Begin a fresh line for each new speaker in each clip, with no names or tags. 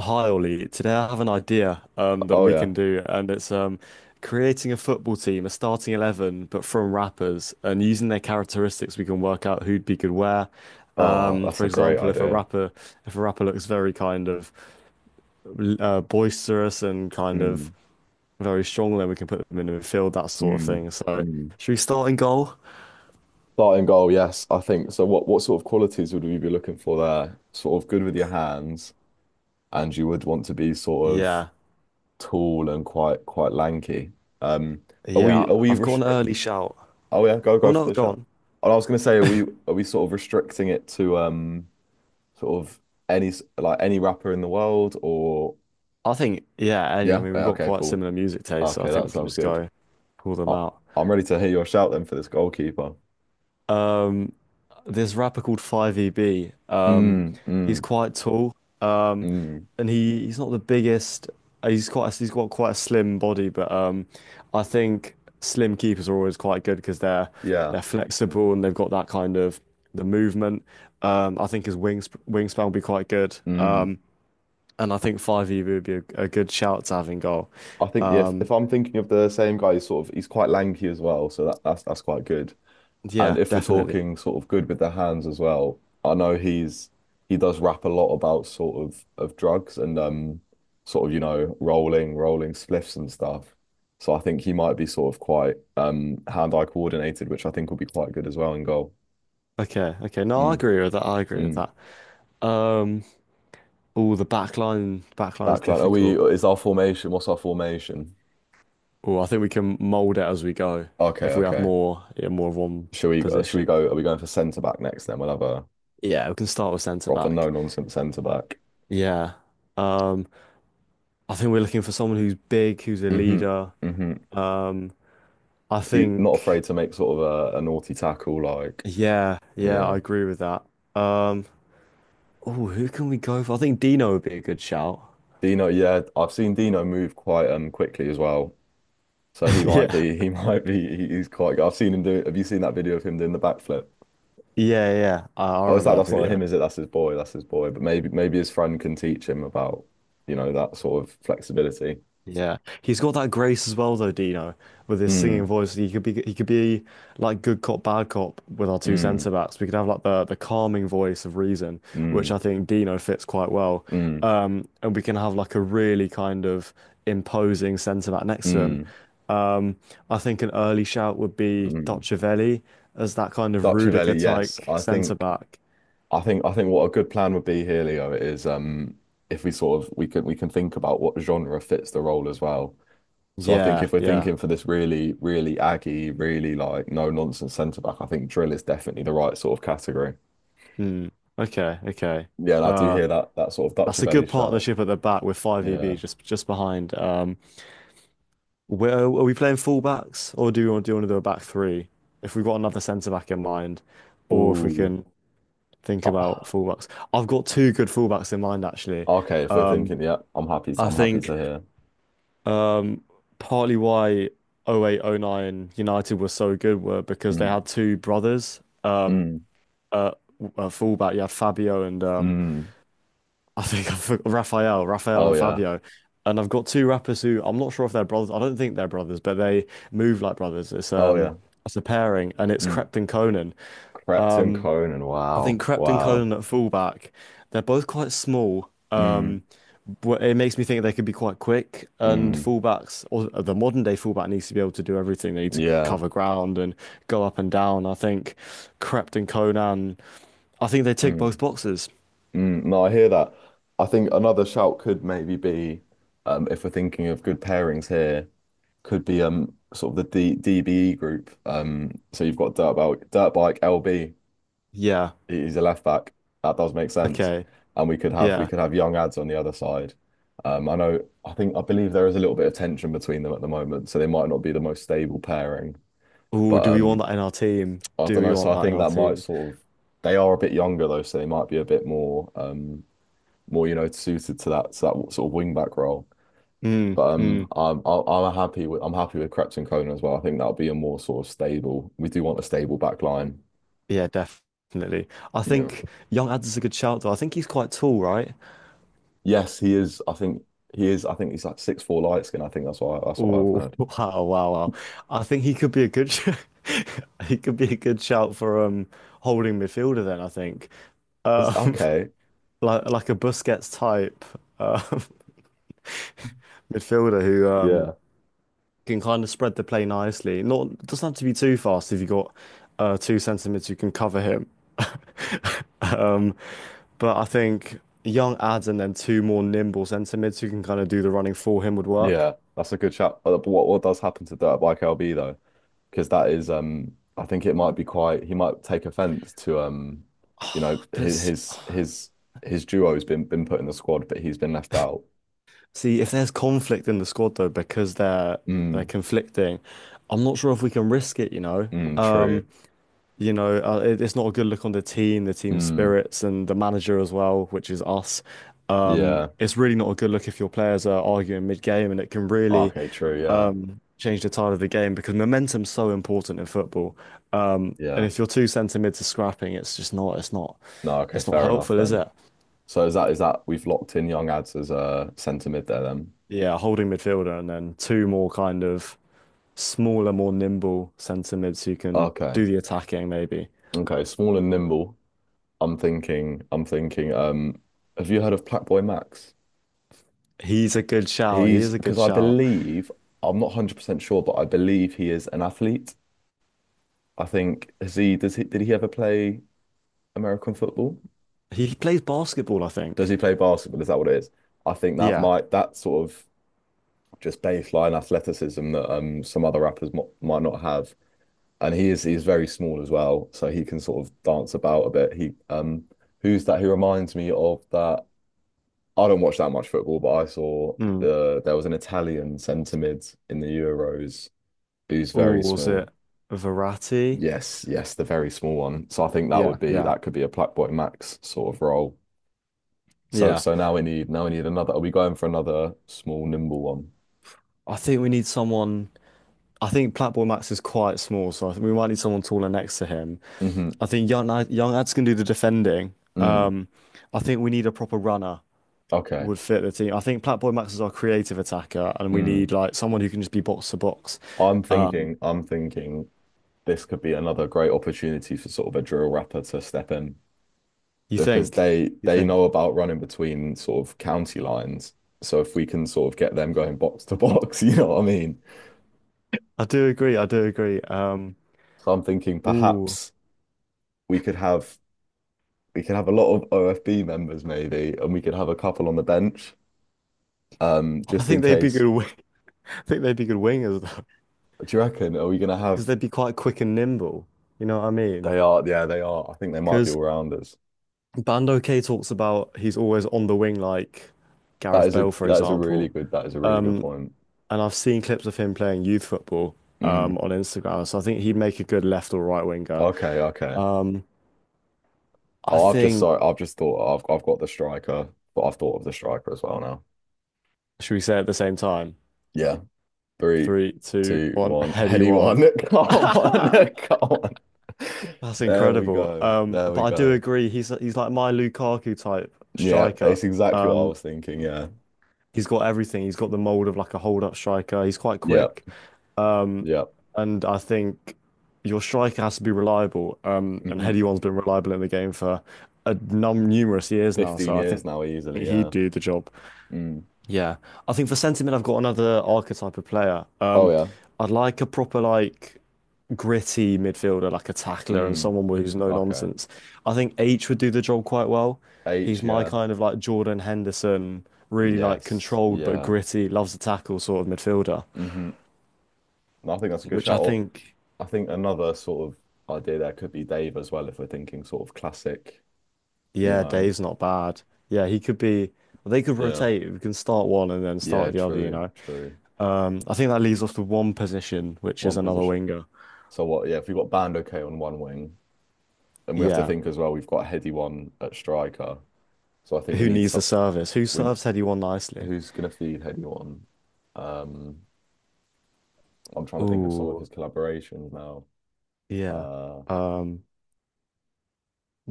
Hi Ollie, today I have an idea that
Oh
we
yeah.
can do, and it's creating a football team, a starting 11, but from rappers, and using their characteristics, we can work out who'd be good where.
Oh, that's
For
a great
example,
idea.
if a rapper looks very kind of boisterous and kind of
Mm,
very strong, then we can put them in the midfield, that sort of
mm,
thing. So,
mm.
should we start in goal?
Starting goal, yes, I think. So what sort of qualities would we be looking for there? Sort of good with your hands, and you would want to be sort of
Yeah,
tall and quite lanky. Um, are we
yeah.
are we
I've got an
restrict?
early shout.
Oh yeah, go
Oh
go for
no,
the
go
shot.
on.
And I was gonna say, are we sort of restricting it to sort of like any rapper in the world or
I think, yeah, any, I
yeah?
mean, we've
Yeah,
got
okay,
quite
cool.
similar music tastes, so I
Okay,
think
that
we can
sounds
just
good.
go pull them
I,
out.
I'm ready to hear your shout then for this goalkeeper.
Um, this rapper called 5EB,
Mm,
he's
mm,
quite tall,
mm,
and he's not the biggest. He's got quite a slim body, but I think slim keepers are always quite good because they're
yeah.
they're flexible and they've got that kind of the movement. I think his wingspan will be quite good,
Mm.
and I think 5EB would be a good shout to having goal.
I think yeah, if I'm thinking of the same guy, he's sort of he's quite lanky as well, so that's quite good. And
Yeah,
if we're
definitely.
talking sort of good with the hands as well, I know he does rap a lot about sort of drugs and sort of rolling spliffs and stuff. So I think he might be sort of quite hand-eye coordinated, which I think will be quite good as well in goal.
Okay, okay. No, I
Mm,
agree with that. I agree with
mm.
that. Um, oh, the back line, back line's
Backline. Are we?
difficult.
Is our formation? What's our formation?
Oh, I think we can mold it as we go
Okay,
if we have
okay.
more, yeah, more of one
Should we? Should we
position.
go? Are we going for centre back next? Then we'll have a
Yeah, we can start with centre
proper
back.
no nonsense centre back.
Yeah. Um, I think we're looking for someone who's big, who's a
Hmm,
leader.
hmm.
Um, I
Not
think,
afraid to make sort of a naughty tackle. Like,
yeah, yeah,
yeah,
I agree with that. Um, oh, who can we go for? I think Dino would be a good shout.
Dino. Yeah, I've seen Dino move quite quickly as well. So he might
Yeah,
be. He might be. He's quite good. I've seen him do. Have you seen that video of him doing the backflip?
yeah, yeah. I
Oh, is
remember
that?
that
That's not
video.
him, is it? That's his boy. That's his boy. But maybe his friend can teach him about, that sort of flexibility.
Yeah, he's got that grace as well, though, Dino, with his singing
Mm,
voice. He could be like good cop, bad cop with our two
mm.
centre backs. We could have like the calming voice of reason, which I
Mm,
think Dino fits quite well.
mm,
And we can have like a really kind of imposing centre back next to him.
mm,
Um, I think an early shout would be
mm.
Docciovelli as that kind of Rudiger
Dutchavelli,
type
yes. I
centre
think
back.
I think I think what a good plan would be here, Leo, is if we sort of we can think about what genre fits the role as well. So I think
Yeah,
if we're
yeah.
thinking for this really, really aggy, really like no nonsense centre back, I think drill is definitely the right sort of category.
Hmm. Okay, okay.
Yeah, and I do
Uh,
hear that sort of
that's a
Dutchavelli
good
shout.
partnership at the back with five EB
Yeah.
just behind. Where are we playing fullbacks, or do we want to do a back three? If we've got another centre back in mind, or if we
Ooh.
can think about
Ah,
fullbacks, I've got two good fullbacks in mind actually.
okay, if we're
Um,
thinking, yeah, I'm happy to
I
I'm happy
think
to hear.
um, partly why oh 08, oh 09 United were so good were because they
Mm,
had two brothers,
mm,
fullback. You had Fabio and
mm.
I think I've Raphael
Oh
and
yeah.
Fabio. And I've got two rappers who I'm not sure if they're brothers. I don't think they're brothers, but they move like brothers.
Oh yeah.
It's a pairing and it's
Mm.
Crept and Conan.
Crept Conan.
I think
Wow.
Crept and
Wow.
Conan at fullback, they're both quite small.
Mm,
But it makes me think they could be quite quick and
mm,
fullbacks or the modern day fullback needs to be able to do everything. They need to
yeah.
cover ground and go up and down. I think Crept and Conan, I think they tick
Mm,
both boxes.
mm. No, I hear that. I think another shout could maybe be, if we're thinking of good pairings here, could be sort of the D DBE group. So you've got dirt bike LB.
Yeah.
He's a left back. That does make sense.
Okay.
And we could have we
Yeah.
could have young ads on the other side. I know. I think I believe there is a little bit of tension between them at the moment, so they might not be the most stable pairing.
Oh,
But
do we want that in our team?
I
Do
don't
we
know. So
want
I
that in
think
our
that might
team?
sort of they are a bit younger though, so they might be a bit more more suited to that sort of wing back role.
Mm,
But um
mm.
I'm I'll- I'm happy with Krebs and Conan as well. I think that'll be a more sort of stable. We do want a stable back line.
Yeah, definitely. I
Yeah.
think Young Ad's is a good shout though. I think he's quite tall, right?
Yes, he is. I think he is. I think he's like 6'4" light skin. I think that's what I've
Oh,
heard.
wow, wow, wow. I think he could be a good sh he could be a good shout for holding midfielder then, I think.
It's
Um
okay.
like a Busquets type um midfielder who
Yeah.
can kind of spread the play nicely. Not it doesn't have to be too fast if you got two centimeters you can cover him. Um, but I think young ads and then two more nimble centimeters who can kind of do the running for him would work.
Yeah, that's a good shout. But what does happen to Dirtbike LB though? Because that is I think it might be quite he might take offense to you know
But
his
s-
his his his duo's been put in the squad but he's been left out.
see, if there's conflict in the squad though, because they're
Mm,
conflicting, I'm not sure if we can risk it, you know.
mm, true.
You know, it's not a good look on the team
Mm,
spirits, and the manager as well, which is us.
yeah.
It's really not a good look if your players are arguing mid-game, and it can really
Okay, true. Yeah.
change the tide of the game because momentum's so important in football. And
Yeah.
if your two centre mids are scrapping,
No, okay,
it's not
fair enough
helpful, is
then.
it?
So is that we've locked in Young Ads as a centre mid there then?
Yeah, holding midfielder and then two more kind of smaller, more nimble centre mids who can
Okay.
do the attacking, maybe.
Okay, small and nimble. I'm thinking, have you heard of Black Boy Max?
He's a good shout. He
He's
is a
because
good
I
shout.
believe I'm not 100% sure, but I believe he is an athlete. I think has he does he did he ever play American football?
He plays basketball, I
Does
think.
he play basketball? Is that what it is? I think
Yeah.
that sort of just baseline athleticism that some other rappers mo might not have. And he's very small as well, so he can sort of dance about a bit. He who's that? He reminds me of that. I don't watch that much football, but I saw
Mm.
there was an Italian centre mid in the Euros who's
Oh,
very
was
small.
it Verratti?
Yes, yes, the very small one. So I think
Yeah, yeah,
that could be a Blackboy Max sort of role. So
yeah.
so now we need another. Are we going for another small nimble one?
I think we need someone. I think Platboy Max is quite small, so I think we might need someone taller next to him.
Hmm.
I think young Ads can do the defending.
Mm.
Um, I think we need a proper runner
Okay.
would fit the team. I think Platboy Max is our creative attacker, and we
Mm.
need like someone who can just be box to box.
I'm
Um,
thinking I'm thinking this could be another great opportunity for sort of a drill rapper to step in
you
because
think?
they
You
they know
think?
about running between sort of county lines. So if we can sort of get them going box to box, you know what I mean?
I do agree. I do agree.
So I'm thinking
Ooh,
perhaps we could have we could have a lot of OFB members maybe, and we could have a couple on the bench,
I
just in
think they'd be
case.
good. I think they'd be good wingers,
Do you reckon? Are we gonna
because
have?
they'd be quite quick and nimble. You know what I mean?
They are, yeah, they are. I think they might be
Because
all rounders.
Bando K talks about he's always on the wing, like Gareth Bale, for
That is a really
example.
good that is a really good
Um,
point.
and I've seen clips of him playing youth football
Mm,
on Instagram, so I think he'd make a good left or right winger.
okay, okay.
Um, I
Oh, I've just,
think,
sorry, I've just thought I've got the striker, but I've thought of the striker as well now.
should we say it at the same time?
Yeah, three,
Three, two,
two,
one,
one,
heady
heady
one.
one. Come on, come on.
That's
There we
incredible.
go. There
But
we
I do
go.
agree, he's like my Lukaku type
Yeah,
striker.
it's exactly what I
Um,
was thinking. Yeah.
He's got everything. He's got the mold of like a hold-up striker. He's quite
Yeah.
quick. Um,
Yeah.
and I think your striker has to be reliable. And
Hmm.
Heady One's been reliable in the game for a num numerous years now.
15
So I think
years now, easily.
he'd
Yeah.
do the job.
Mm.
Yeah, I think for sentiment, I've got another archetype of player.
Oh, yeah.
I'd like a proper like gritty midfielder, like a tackler and
Mm.
someone who's no
Okay.
nonsense. I think H would do the job quite well.
H,
He's my
yeah.
kind of like Jordan Henderson, really like
Yes.
controlled but
Yeah.
gritty, loves to tackle sort of midfielder,
Hmm. I think that's a good
which I
shout. Or
think,
I think another sort of idea there could be Dave as well, if we're thinking sort of classic, you
yeah,
know.
Dave's not bad. Yeah, he could be. Well, they could
Yeah.
rotate. We can start one and then
Yeah.
start the other, you
True.
know.
True.
I think that leaves us with one position, which is
One
another
position.
winger.
So what? Yeah. If we've got Band okay on one wing, and we have to
Yeah.
think as well, we've got Heady one at striker. So I think we
Who
need
needs the
some.
service? Who
We,
serves anyone nicely?
who's going to feed Heady one? Um, I'm trying to think of some of his
Ooh,
collaborations now.
yeah.
Uh,
Um,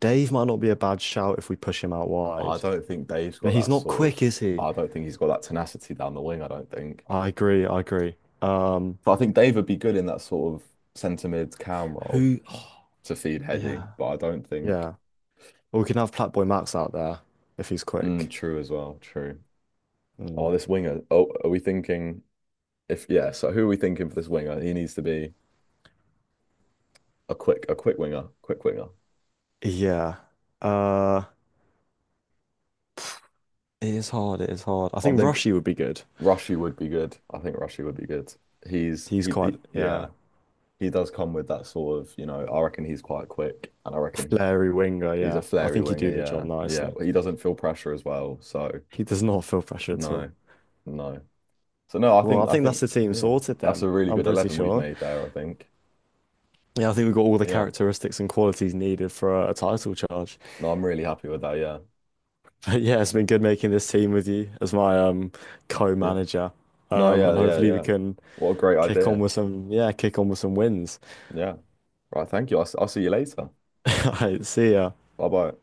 Dave might not be a bad shout if we push him out
I
wide.
don't think Dave's
Now
got
he's
that
not
sort
quick,
of.
is he?
I don't think he's got that tenacity down the wing. I don't think.
I agree, I agree. Um,
But I think Dave would be good in that sort of centre mid cam role
who?
to feed
yeah,
Heady. But I don't think.
yeah. Or we can have Platboy Max out there if he's
Mm,
quick.
true as well. True. Oh,
Mm.
this winger. Oh, are we thinking if yeah? So who are we thinking for this winger? He needs to be a quick winger, quick winger.
Yeah. Uh, it is hard. It is hard. I
I'm
think
thinking
Rushy would be good.
Rushy would be good. I think Rushy would be good. He's
He's
he
quite, yeah,
yeah. He does come with that sort of, I reckon he's quite quick and I
a
reckon
flary winger.
he's a
Yeah, I
flary
think he'd
winger.
do the job
Yeah. Yeah.
nicely.
He doesn't feel pressure as well. So
He does not feel pressure at
no,
all.
no. So no,
Well, I
I
think that's
think,
the team
yeah,
sorted
that's
then.
a really
I'm
good
pretty
11 we've
sure.
made there. I think.
Yeah, I think we've got all the
Yeah.
characteristics and qualities needed for a title charge.
No, I'm really happy with that. Yeah.
But yeah, it's been good making this team with you as my
Yeah.
co-manager.
No, yeah.
And
Yeah.
hopefully we
Yeah.
can
What a great
kick on
idea.
with some yeah, kick on with some wins.
Yeah. Right. Thank you. I'll see you later.
All right, see ya.
Bye bye.